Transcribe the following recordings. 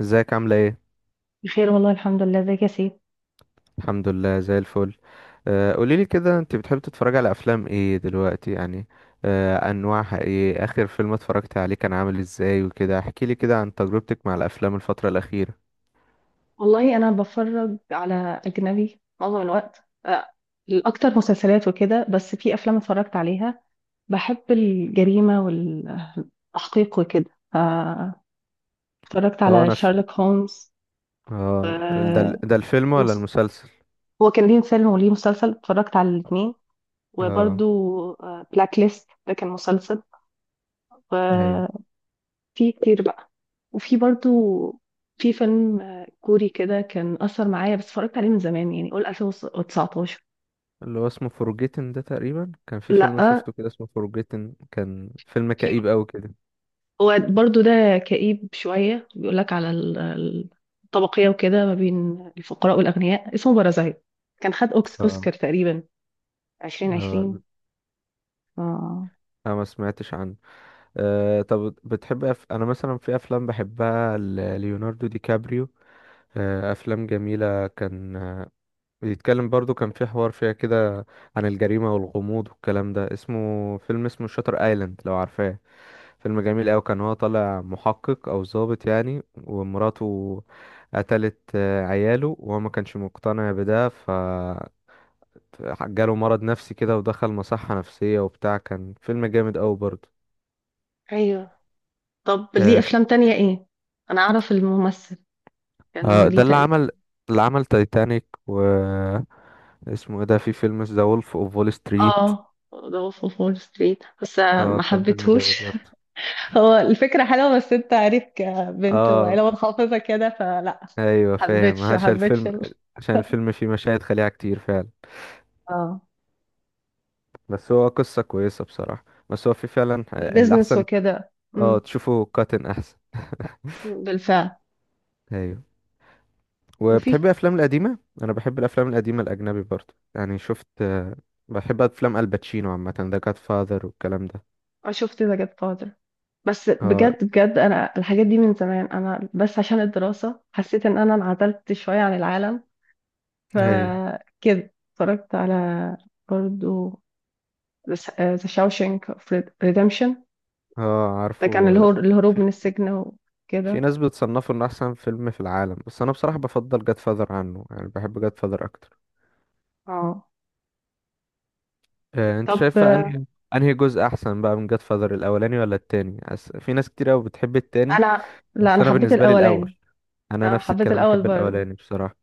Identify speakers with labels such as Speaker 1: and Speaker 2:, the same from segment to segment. Speaker 1: ازيك عاملة ايه؟
Speaker 2: بخير والله الحمد لله. ازيك يا سيف؟
Speaker 1: الحمد لله زي الفل. قوليلي كده انت بتحبي تتفرجي على افلام ايه دلوقتي يعني. انواعها ايه؟ اخر فيلم اتفرجت عليه كان عامل ازاي وكده؟ احكيلي كده عن تجربتك مع الافلام الفترة الاخيرة.
Speaker 2: والله انا بفرج على اجنبي معظم الوقت، الاكتر مسلسلات وكده، بس في افلام اتفرجت عليها. بحب الجريمه والتحقيق وكده اتفرجت
Speaker 1: اه
Speaker 2: على
Speaker 1: انا
Speaker 2: شارلوك هولمز، و-
Speaker 1: اه ده الفيلم ولا
Speaker 2: مس-
Speaker 1: المسلسل؟
Speaker 2: هو كان ليه فيلم وليه مسلسل، اتفرجت على الاثنين.
Speaker 1: اه،
Speaker 2: وبرده بلاك ليست ده كان مسلسل.
Speaker 1: ايوه.
Speaker 2: في كتير بقى، وفي برضو في فيلم كوري كده كان أثر معايا، بس اتفرجت عليه من زمان يعني، قول 2019.
Speaker 1: اللي هو اسمه فورجيتن ده، تقريبا كان في فيلم
Speaker 2: لأ،
Speaker 1: شفته كده اسمه فورجيتن، كان فيلم
Speaker 2: في،
Speaker 1: كئيب قوي كده.
Speaker 2: هو برضو ده كئيب شوية، بيقول لك على الطبقية وكده، ما بين الفقراء والأغنياء، اسمه بارازايت. كان خد
Speaker 1: اه.
Speaker 2: أوسكار تقريبا 2020.
Speaker 1: اه،
Speaker 2: آه.
Speaker 1: لا، ما سمعتش عنه. أه، طب بتحب انا مثلا في افلام بحبها ليوناردو دي كابريو. افلام جميله كان، بيتكلم برضو كان في حوار فيها كده عن الجريمه والغموض والكلام ده. اسمه فيلم، اسمه شاتر ايلاند، لو عارفاه. فيلم جميل أوي، كان هو طالع محقق أو ضابط يعني، ومراته قتلت عياله وهو ما كانش مقتنع بده. ف جاله مرض نفسي كده ودخل مصحة نفسية وبتاع. كان فيلم جامد أوي برضه.
Speaker 2: أيوه، طب ليه أفلام تانية إيه؟ أنا أعرف الممثل، كان
Speaker 1: ده
Speaker 2: ليه
Speaker 1: اللي
Speaker 2: تقريبا.
Speaker 1: عمل، اللي عمل تايتانيك و اسمه ايه ده، في فيلم ذا وولف اوف وول ستريت.
Speaker 2: آه، ده وولف أوف وول ستريت، بس
Speaker 1: اه
Speaker 2: ما
Speaker 1: كان فيلم جامد
Speaker 2: حبيتهوش.
Speaker 1: برضه.
Speaker 2: هو الفكرة حلوة، بس انت عارف، كبنت
Speaker 1: اه،
Speaker 2: وعيلة متحفظة كده فلا
Speaker 1: ايوه فاهم،
Speaker 2: حبيتش
Speaker 1: عشان الفيلم، عشان الفيلم فيه مشاهد خليعة كتير فعلا.
Speaker 2: اه،
Speaker 1: بس هو قصة كويسة بصراحة. بس هو في فعلا
Speaker 2: البيزنس
Speaker 1: الأحسن.
Speaker 2: وكده.
Speaker 1: اه،
Speaker 2: أمم،
Speaker 1: تشوفه كاتن أحسن.
Speaker 2: بالفعل.
Speaker 1: ايوه.
Speaker 2: وفي،
Speaker 1: وبتحبي الأفلام القديمة؟ أنا بحب الأفلام القديمة الأجنبي برضه، يعني شفت، بحب أفلام الباتشينو عامة، ذا جاد فاذر والكلام ده.
Speaker 2: أنا شفت ذا جاد فاذر، بس
Speaker 1: اه،
Speaker 2: بجد بجد انا الحاجات دي من زمان، انا بس عشان الدراسة حسيت ان انا انعزلت شوية عن العالم،
Speaker 1: ايوه.
Speaker 2: فكده اتفرجت على برضو ذا شاوشنك اوف ريدمشن.
Speaker 1: اه،
Speaker 2: ده كان
Speaker 1: عارفه،
Speaker 2: الهروب من السجن
Speaker 1: في
Speaker 2: وكده.
Speaker 1: ناس بتصنفه انه احسن فيلم في العالم، بس انا بصراحة بفضل جاد فاذر عنه يعني، بحب جاد فاذر اكتر.
Speaker 2: اه،
Speaker 1: انت
Speaker 2: طب
Speaker 1: شايفة انهي جزء احسن بقى من جاد فاذر، الاولاني ولا التاني؟ في ناس كتير قوي بتحب التاني،
Speaker 2: انا، لا،
Speaker 1: بس
Speaker 2: انا
Speaker 1: انا
Speaker 2: حبيت
Speaker 1: بالنسبة لي
Speaker 2: الاولاني.
Speaker 1: الاول. انا
Speaker 2: انا
Speaker 1: نفس
Speaker 2: حبيت
Speaker 1: الكلام،
Speaker 2: الاول
Speaker 1: بحب
Speaker 2: برضه.
Speaker 1: الاولاني بصراحة.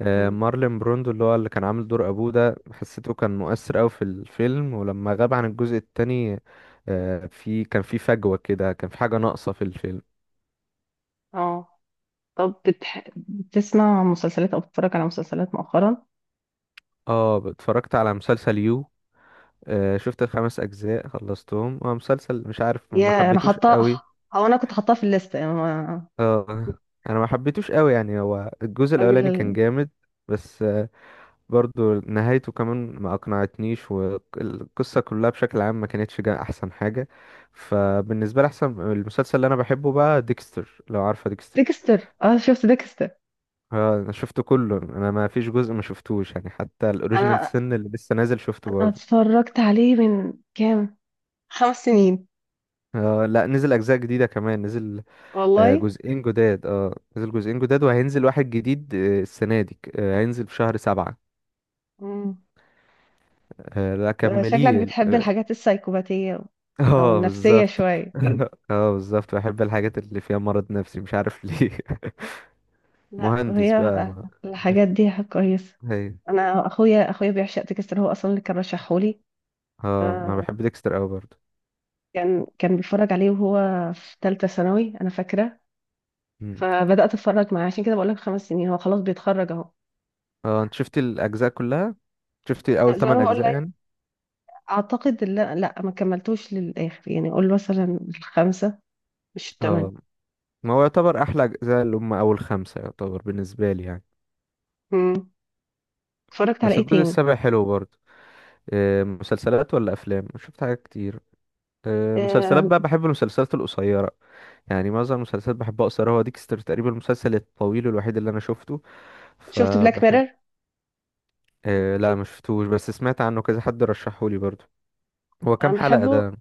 Speaker 2: مم.
Speaker 1: مارلين بروندو اللي هو اللي كان عامل دور ابوه ده، حسيته كان مؤثر قوي في الفيلم، ولما غاب عن الجزء التاني في كان في فجوة كده، كان في حاجة ناقصة في الفيلم.
Speaker 2: اه، طب بتسمع مسلسلات او بتتفرج على مسلسلات مؤخرا؟
Speaker 1: اه، اتفرجت على مسلسل يو. شفت الخمس اجزاء، خلصتهم. هو مسلسل مش عارف، ما
Speaker 2: يا انا
Speaker 1: حبيتوش
Speaker 2: حاطاه،
Speaker 1: قوي.
Speaker 2: او انا كنت حاطاه في الليسته يعني
Speaker 1: اه، ما حبيتوش قوي يعني. هو الجزء
Speaker 2: راجل
Speaker 1: الاولاني كان
Speaker 2: ال...
Speaker 1: جامد بس، برضو نهايته كمان ما اقنعتنيش، والقصة كلها بشكل عام ما كانتش جا احسن حاجة. فبالنسبة لي احسن المسلسل اللي انا بحبه بقى ديكستر، لو عارفة ديكستر.
Speaker 2: ديكستر، اه، شفت ديكستر.
Speaker 1: اه، انا شفته كله، انا ما فيش جزء ما شفتوش يعني، حتى الاوريجينال
Speaker 2: انا
Speaker 1: سن اللي لسه نازل شفته
Speaker 2: انا
Speaker 1: برضه.
Speaker 2: اتفرجت عليه من كام، 5 سنين.
Speaker 1: آه لا، نزل اجزاء جديدة كمان، نزل
Speaker 2: والله.
Speaker 1: جزئين جداد. اه نزل جزئين جداد، وهينزل واحد جديد السنة دي، هينزل في شهر سبعة.
Speaker 2: مم.
Speaker 1: لا
Speaker 2: شكلك
Speaker 1: كمليه
Speaker 2: بتحب
Speaker 1: اه.
Speaker 2: الحاجات السايكوباتيه، او النفسيه
Speaker 1: بالظبط.
Speaker 2: شويه.
Speaker 1: اه بالظبط، بحب الحاجات اللي فيها مرض نفسي، مش عارف ليه.
Speaker 2: لا،
Speaker 1: مهندس
Speaker 2: هي
Speaker 1: بقى
Speaker 2: الحاجات دي كويسه.
Speaker 1: هي
Speaker 2: انا اخويا بيعشق ديكستر، هو اصلا اللي كان رشحهولي.
Speaker 1: اه. ما
Speaker 2: فكان
Speaker 1: بحب ديكستر قوي برضه.
Speaker 2: كان بيتفرج عليه وهو في ثالثه ثانوي، انا فاكره.
Speaker 1: مم.
Speaker 2: فبدات اتفرج معاه، عشان كده بقول لك 5 سنين. هو خلاص بيتخرج اهو.
Speaker 1: اه، انت شفتي الاجزاء كلها؟ شفتي
Speaker 2: لا،
Speaker 1: اول
Speaker 2: زي ما انا
Speaker 1: 8
Speaker 2: بقول
Speaker 1: اجزاء
Speaker 2: لك،
Speaker 1: يعني؟
Speaker 2: اعتقد، لا لا، ما كملتوش للاخر، يعني اقول مثلا الخمسه مش الثمانيه.
Speaker 1: اه، ما هو يعتبر احلى اجزاء اللي هم اول خمسة يعتبر بالنسبة لي يعني.
Speaker 2: امم اتفرجت على
Speaker 1: بس
Speaker 2: ايه
Speaker 1: الجزء
Speaker 2: تاني؟
Speaker 1: السابع حلو برضه. مسلسلات ولا افلام؟ شفت حاجات كتير. مسلسلات
Speaker 2: آه،
Speaker 1: بقى بحب المسلسلات القصيرة، يعني معظم المسلسلات بحبها قصيرة. هو ديكستر تقريبا المسلسل الطويل الوحيد اللي أنا شفته.
Speaker 2: شفت بلاك
Speaker 1: فبحب.
Speaker 2: ميرور.
Speaker 1: أه لا،
Speaker 2: شوف،
Speaker 1: ما شفتوش، بس سمعت عنه، كذا حد رشحهولي برضو. هو كام
Speaker 2: انا
Speaker 1: حلقة
Speaker 2: بحبه.
Speaker 1: ده؟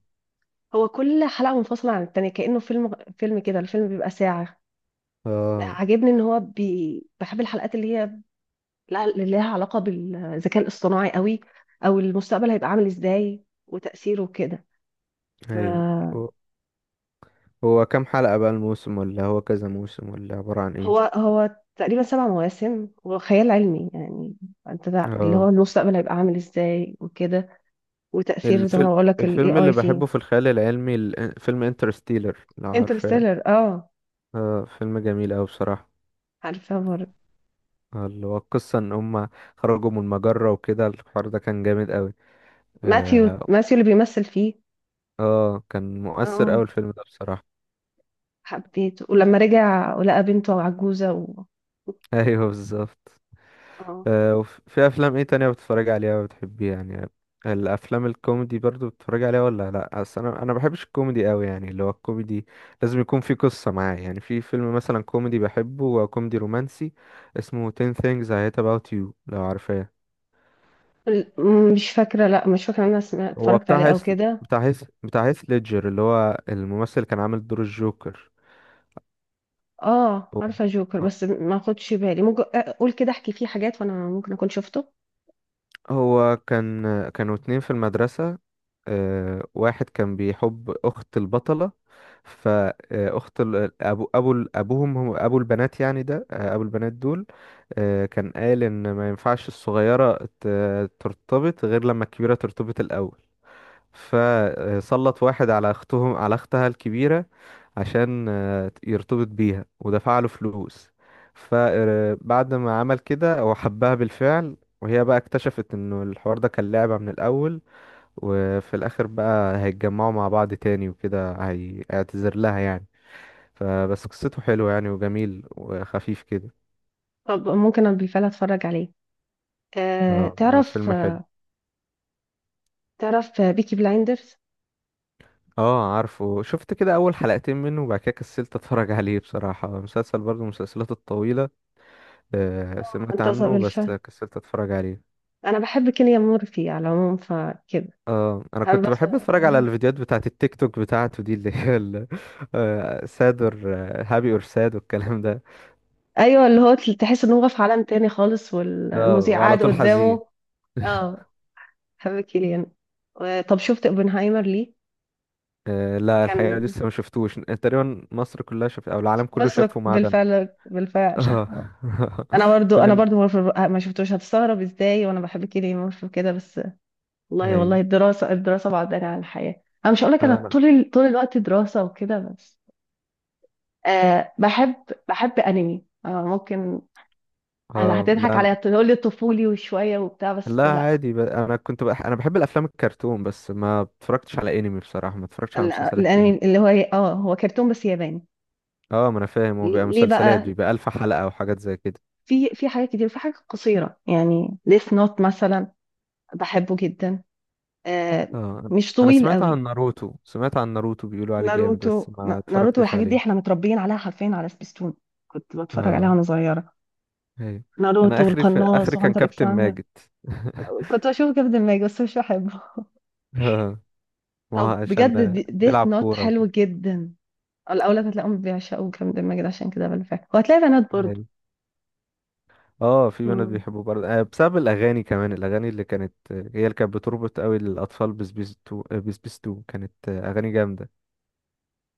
Speaker 2: هو كل حلقه منفصله عن التانيه، كانه فيلم. فيلم كده، الفيلم بيبقى ساعه.
Speaker 1: اه،
Speaker 2: عاجبني ان هو بحب الحلقات اللي هي، لا، لها علاقة بالذكاء الاصطناعي قوي، او المستقبل هيبقى عامل ازاي وتأثيره كده.
Speaker 1: ايوه.
Speaker 2: فهو
Speaker 1: هو هو كام حلقة بقى الموسم؟ ولا هو كذا موسم؟ ولا عبارة عن ايه؟
Speaker 2: هو تقريبا 7 مواسم، وخيال علمي يعني، انت ده اللي هو
Speaker 1: اه.
Speaker 2: المستقبل هيبقى عامل ازاي وكده، وتأثير زي ما
Speaker 1: الفيلم
Speaker 2: انا بقول لك الاي
Speaker 1: الفيلم اللي
Speaker 2: اي فيه.
Speaker 1: بحبه في الخيال العلمي فيلم انترستيلر، لو عارفاه.
Speaker 2: انترستيلر، اه،
Speaker 1: اه فيلم جميل أوي بصراحة.
Speaker 2: عارفه برضه.
Speaker 1: اللي هو القصة ان هما خرجوا من المجرة وكده، الحوار ده كان جامد أوي.
Speaker 2: ماثيو
Speaker 1: اه.
Speaker 2: ماثيو اللي بيمثل فيه.
Speaker 1: كان مؤثر أوي
Speaker 2: اه،
Speaker 1: الفيلم ده بصراحة.
Speaker 2: حبيته ولما رجع ولقى بنته عجوزة و...
Speaker 1: ايوه بالظبط.
Speaker 2: اه،
Speaker 1: آه، وفي افلام ايه تانية بتتفرج عليها وبتحبيها يعني؟ الافلام الكوميدي برضو بتتفرج عليها ولا لا؟ اصل انا بحبش الكوميدي أوي يعني، اللي هو الكوميدي لازم يكون في قصة معاه يعني. في فيلم مثلا كوميدي بحبه، هو كوميدي رومانسي اسمه 10 things I hate about you، لو عارفاه.
Speaker 2: ال- مش فاكرة، لا، مش فاكرة إن انا سمعت
Speaker 1: هو
Speaker 2: اتفرجت عليه
Speaker 1: بتاع
Speaker 2: او
Speaker 1: هيث،
Speaker 2: كده.
Speaker 1: بتاع هيث ليدجر، اللي هو الممثل اللي كان عامل دور الجوكر.
Speaker 2: اه،
Speaker 1: هو
Speaker 2: عارفه جوكر، بس ما خدش بالي، ممكن اقول كده احكي فيه حاجات وانا ممكن اكون شفته.
Speaker 1: هو كان، كانوا اتنين في المدرسة. واحد كان بيحب اخت البطله. فاخت ابوهم، هم ابو البنات يعني ده، ابو البنات دول كان قال ان ما ينفعش الصغيره ترتبط غير لما الكبيره ترتبط الاول. فسلط واحد على اختهم، على اختها الكبيره، عشان يرتبط بيها، ودفع له فلوس. فبعد ما عمل كده هو حبها بالفعل، وهي بقى اكتشفت انه الحوار ده كان لعبة من الاول. وفي الاخر بقى هيتجمعوا مع بعض تاني وكده، هيعتذر لها يعني. فبس قصته حلوة يعني وجميل وخفيف كده.
Speaker 2: طب ممكن انا بالفعل اتفرج عليه. آه، تعرف،
Speaker 1: فيلم حلو.
Speaker 2: تعرف بيكي بلايندرز؟
Speaker 1: اه عارفه، شفت كده اول حلقتين منه وبعد كده كسلت اتفرج عليه بصراحة. مسلسل برضه من المسلسلات الطويلة. سمعت
Speaker 2: انت
Speaker 1: عنه بس
Speaker 2: بالفعل،
Speaker 1: كسلت اتفرج عليه.
Speaker 2: انا بحب كيليان مورفي على العموم فكده.
Speaker 1: اه، انا
Speaker 2: بحب
Speaker 1: كنت
Speaker 2: بس.
Speaker 1: بحب اتفرج على الفيديوهات بتاعت التيك توك بتاعته دي اللي هي ساد اور، هابي اور ساد والكلام ده.
Speaker 2: ايوه، اللي هو تحس انه هو في عالم تاني خالص،
Speaker 1: اه
Speaker 2: والمذيع
Speaker 1: وعلى
Speaker 2: قاعد
Speaker 1: طول حزين.
Speaker 2: قدامه. اه، بحب كيليان طب شفت اوبنهايمر ليه؟
Speaker 1: آه لا، الحقيقة
Speaker 2: كان
Speaker 1: لسه ما شفتوش. تقريبا مصر كلها شافت أو العالم كله
Speaker 2: مسرق
Speaker 1: شافه ما عدا
Speaker 2: بالفعل، بالفعل.
Speaker 1: أنا اه.
Speaker 2: انا برضو انا
Speaker 1: كلنا.
Speaker 2: برضو مورفر ما شفتوش. هتستغرب ازاي وانا بحب كيليان مورفي كده بس. والله والله،
Speaker 1: أيوه.
Speaker 2: الدراسه الدراسه بعدنا عن الحياه. انا مش هقول لك انا
Speaker 1: أنا
Speaker 2: طول طول الوقت دراسه وكده بس. بحب انمي، ممكن
Speaker 1: اه لا
Speaker 2: هتضحك
Speaker 1: أنا،
Speaker 2: عليا تقول لي طفولي وشويه وبتاع، بس
Speaker 1: لا
Speaker 2: لا.
Speaker 1: عادي أنا بحب الأفلام الكرتون، بس ما اتفرجتش على أنمي بصراحة، ما اتفرجتش على مسلسلات أنمي.
Speaker 2: الانمي اللي هو إيه؟ اه، هو كرتون بس ياباني.
Speaker 1: اه ما أنا فاهم، هو بيبقى
Speaker 2: ليه
Speaker 1: مسلسلات،
Speaker 2: بقى،
Speaker 1: بيبقى ألف حلقة وحاجات زي كده.
Speaker 2: في حاجات كتير، في حاجات قصيره يعني، ديث نوت مثلا، بحبه جدا. أه
Speaker 1: اه، أنا
Speaker 2: مش
Speaker 1: أنا
Speaker 2: طويل
Speaker 1: سمعت
Speaker 2: قوي.
Speaker 1: عن ناروتو، بيقولوا عليه جامد،
Speaker 2: ناروتو،
Speaker 1: بس ما
Speaker 2: ناروتو
Speaker 1: اتفرجتش
Speaker 2: والحاجات دي احنا
Speaker 1: عليه.
Speaker 2: متربيين عليها حرفيا على سبيستون، كنت بتفرج عليها
Speaker 1: اه.
Speaker 2: وانا صغيره.
Speaker 1: أيوه.
Speaker 2: ناروتو
Speaker 1: أنا آخري في
Speaker 2: والقناص
Speaker 1: آخري كان
Speaker 2: وهانتر اكس
Speaker 1: كابتن
Speaker 2: هانتر.
Speaker 1: ماجد.
Speaker 2: كنت بشوف كابتن ماجد بس مش بحبه.
Speaker 1: ما
Speaker 2: طب
Speaker 1: هو
Speaker 2: بجد،
Speaker 1: عشان
Speaker 2: ديث
Speaker 1: بيلعب
Speaker 2: نوت
Speaker 1: كورة
Speaker 2: حلو
Speaker 1: وكده.
Speaker 2: جدا. الاولاد هتلاقيهم بيعشقوا كابتن ماجد، عشان كده بقى فاهم، وهتلاقي بنات برضه.
Speaker 1: يعني. اه، في بنات
Speaker 2: مم.
Speaker 1: بيحبوا برضه بسبب الأغاني كمان، الأغاني اللي كانت هي اللي كانت بتربط قوي الأطفال بسبيس تو، بسبيس تو كانت أغاني جامدة.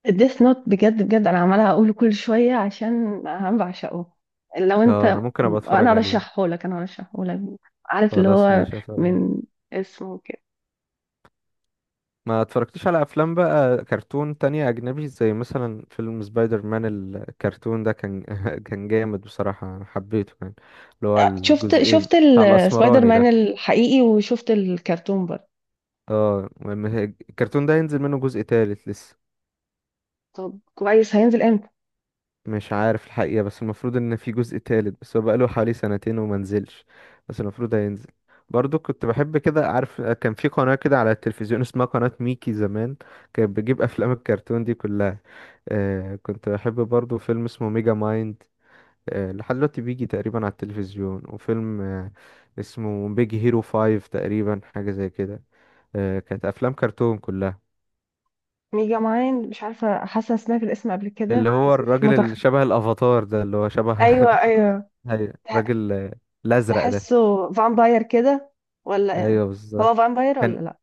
Speaker 2: الديث نوت بجد بجد انا عماله اقوله كل شويه، عشان انا بعشقه. لو انت،
Speaker 1: اه أنا ممكن أبقى
Speaker 2: انا
Speaker 1: أتفرج عليه.
Speaker 2: ارشحه لك، انا ارشحه لك، عارف اللي
Speaker 1: خلاص
Speaker 2: هو
Speaker 1: ماشي، أتفرج عليه.
Speaker 2: من اسمه كده.
Speaker 1: ما اتفرجتش على أفلام بقى كرتون تانية أجنبي، زي مثلا فيلم سبايدر مان الكرتون ده، كان كان جامد بصراحة أنا حبيته يعني. اللي هو
Speaker 2: شفت
Speaker 1: الجزئين
Speaker 2: شفت
Speaker 1: بتاع
Speaker 2: السبايدر
Speaker 1: الأسمراني
Speaker 2: مان
Speaker 1: ده.
Speaker 2: الحقيقي، وشفت الكرتون برضه.
Speaker 1: اه المهم الكرتون ده ينزل منه جزء تالت لسه.
Speaker 2: طب كويس، هينزل امتى؟
Speaker 1: مش عارف الحقيقة، بس المفروض ان في جزء تالت، بس هو بقاله حوالي سنتين وما نزلش، بس المفروض هينزل. برضو كنت بحب كده، عارف كان في قناة كده على التلفزيون اسمها قناة ميكي زمان، كانت بتجيب افلام الكرتون دي كلها. آه كنت بحب برضو فيلم اسمه ميجا مايند، آه لحد دلوقتي بيجي تقريبا على التلفزيون. وفيلم آه اسمه بيج هيرو فايف تقريبا، حاجة زي كده. آه كانت افلام كرتون كلها.
Speaker 2: ميجا ماين، مش عارفه، حاسه سمعت الاسم قبل
Speaker 1: اللي
Speaker 2: كده،
Speaker 1: هو
Speaker 2: بس مش
Speaker 1: الراجل
Speaker 2: متخ.
Speaker 1: اللي شبه الافاتار ده، اللي هو شبه
Speaker 2: ايوه، ايوه، تح-
Speaker 1: الراجل الازرق ده.
Speaker 2: تحسه فامباير كده، ولا إيه؟
Speaker 1: ايوه
Speaker 2: هو
Speaker 1: بالظبط.
Speaker 2: فامباير
Speaker 1: كان،
Speaker 2: ولا لا؟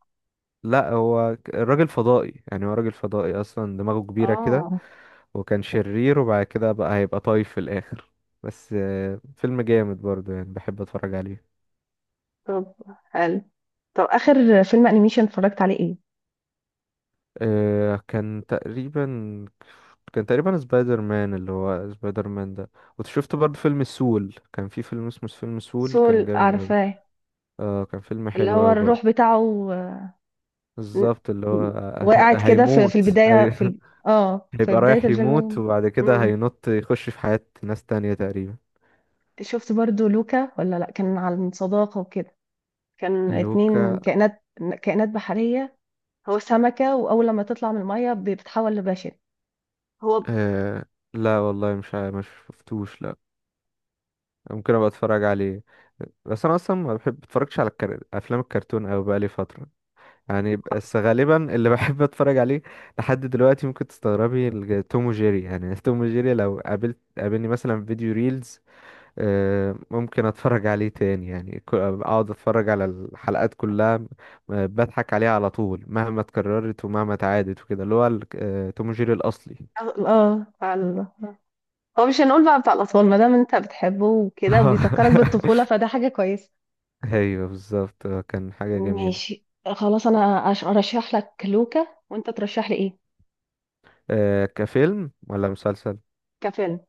Speaker 1: لا هو الراجل فضائي يعني، هو راجل فضائي اصلا، دماغه كبيره كده،
Speaker 2: اه،
Speaker 1: وكان شرير، وبعد كده بقى هيبقى طايف في الاخر. بس فيلم جامد برضه يعني، بحب اتفرج عليه.
Speaker 2: طب حلو. طب اخر فيلم انيميشن اتفرجت عليه ايه؟
Speaker 1: آه، كان تقريبا كان تقريبا سبايدر مان، اللي هو سبايدر مان ده. وشفت برضه فيلم سول، كان في فيلم اسمه فيلم سول، كان
Speaker 2: سول،
Speaker 1: جامد قوي.
Speaker 2: عارفاه.
Speaker 1: اه كان فيلم
Speaker 2: اللي
Speaker 1: حلو
Speaker 2: هو
Speaker 1: قوي برضه.
Speaker 2: الروح بتاعه،
Speaker 1: بالظبط اللي هو
Speaker 2: وقعت كده في
Speaker 1: هيموت،
Speaker 2: البدايه، في
Speaker 1: ايوه.
Speaker 2: ال... اه، في
Speaker 1: هيبقى
Speaker 2: بدايه
Speaker 1: رايح يموت،
Speaker 2: الفيلم.
Speaker 1: وبعد كده
Speaker 2: مم.
Speaker 1: هينط يخش في حياة ناس تانية تقريبا.
Speaker 2: شفت برضو لوكا، ولا لا، كان عن صداقة وكده، كان اتنين
Speaker 1: لوكا
Speaker 2: كائنات، كائنات بحرية. هو سمكة، وأول لما تطلع من المية بتتحول لبشر. هو ب-.
Speaker 1: آه... لا والله، مش شفتوش لا. ممكن ابقى اتفرج عليه، بس انا اصلا ما بحب اتفرجش على افلام الكرتون، او بقالي فتره يعني. بس غالبا اللي بحب اتفرج عليه لحد دلوقتي، ممكن تستغربي، توم وجيري يعني. توم وجيري لو قابلت، قابلني مثلا في فيديو ريلز، ممكن اتفرج عليه تاني يعني، اقعد اتفرج على الحلقات كلها، بضحك عليها على طول مهما اتكررت ومهما اتعادت وكده، اللي هو توم جيري الاصلي.
Speaker 2: اه، بتاع هو مش هنقول بقى بتاع الأطفال، ما دام انت بتحبه وكده وبيذكرك بالطفولة، فده حاجة كويسة.
Speaker 1: ايوه بالظبط، كان حاجة جميلة.
Speaker 2: ماشي، خلاص، أنا أرشح لك لوكا، وأنت ترشح لي إيه؟
Speaker 1: كفيلم ولا مسلسل؟
Speaker 2: كفيلم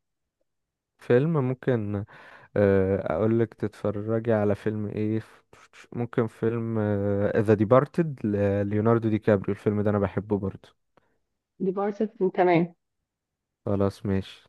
Speaker 1: فيلم ممكن، اقولك تتفرجي على فيلم ايه؟ ممكن فيلم ذا ديبارتد، ليوناردو دي كابريو، الفيلم ده انا بحبه برضه.
Speaker 2: ديبارتد. تمام.
Speaker 1: خلاص ماشي.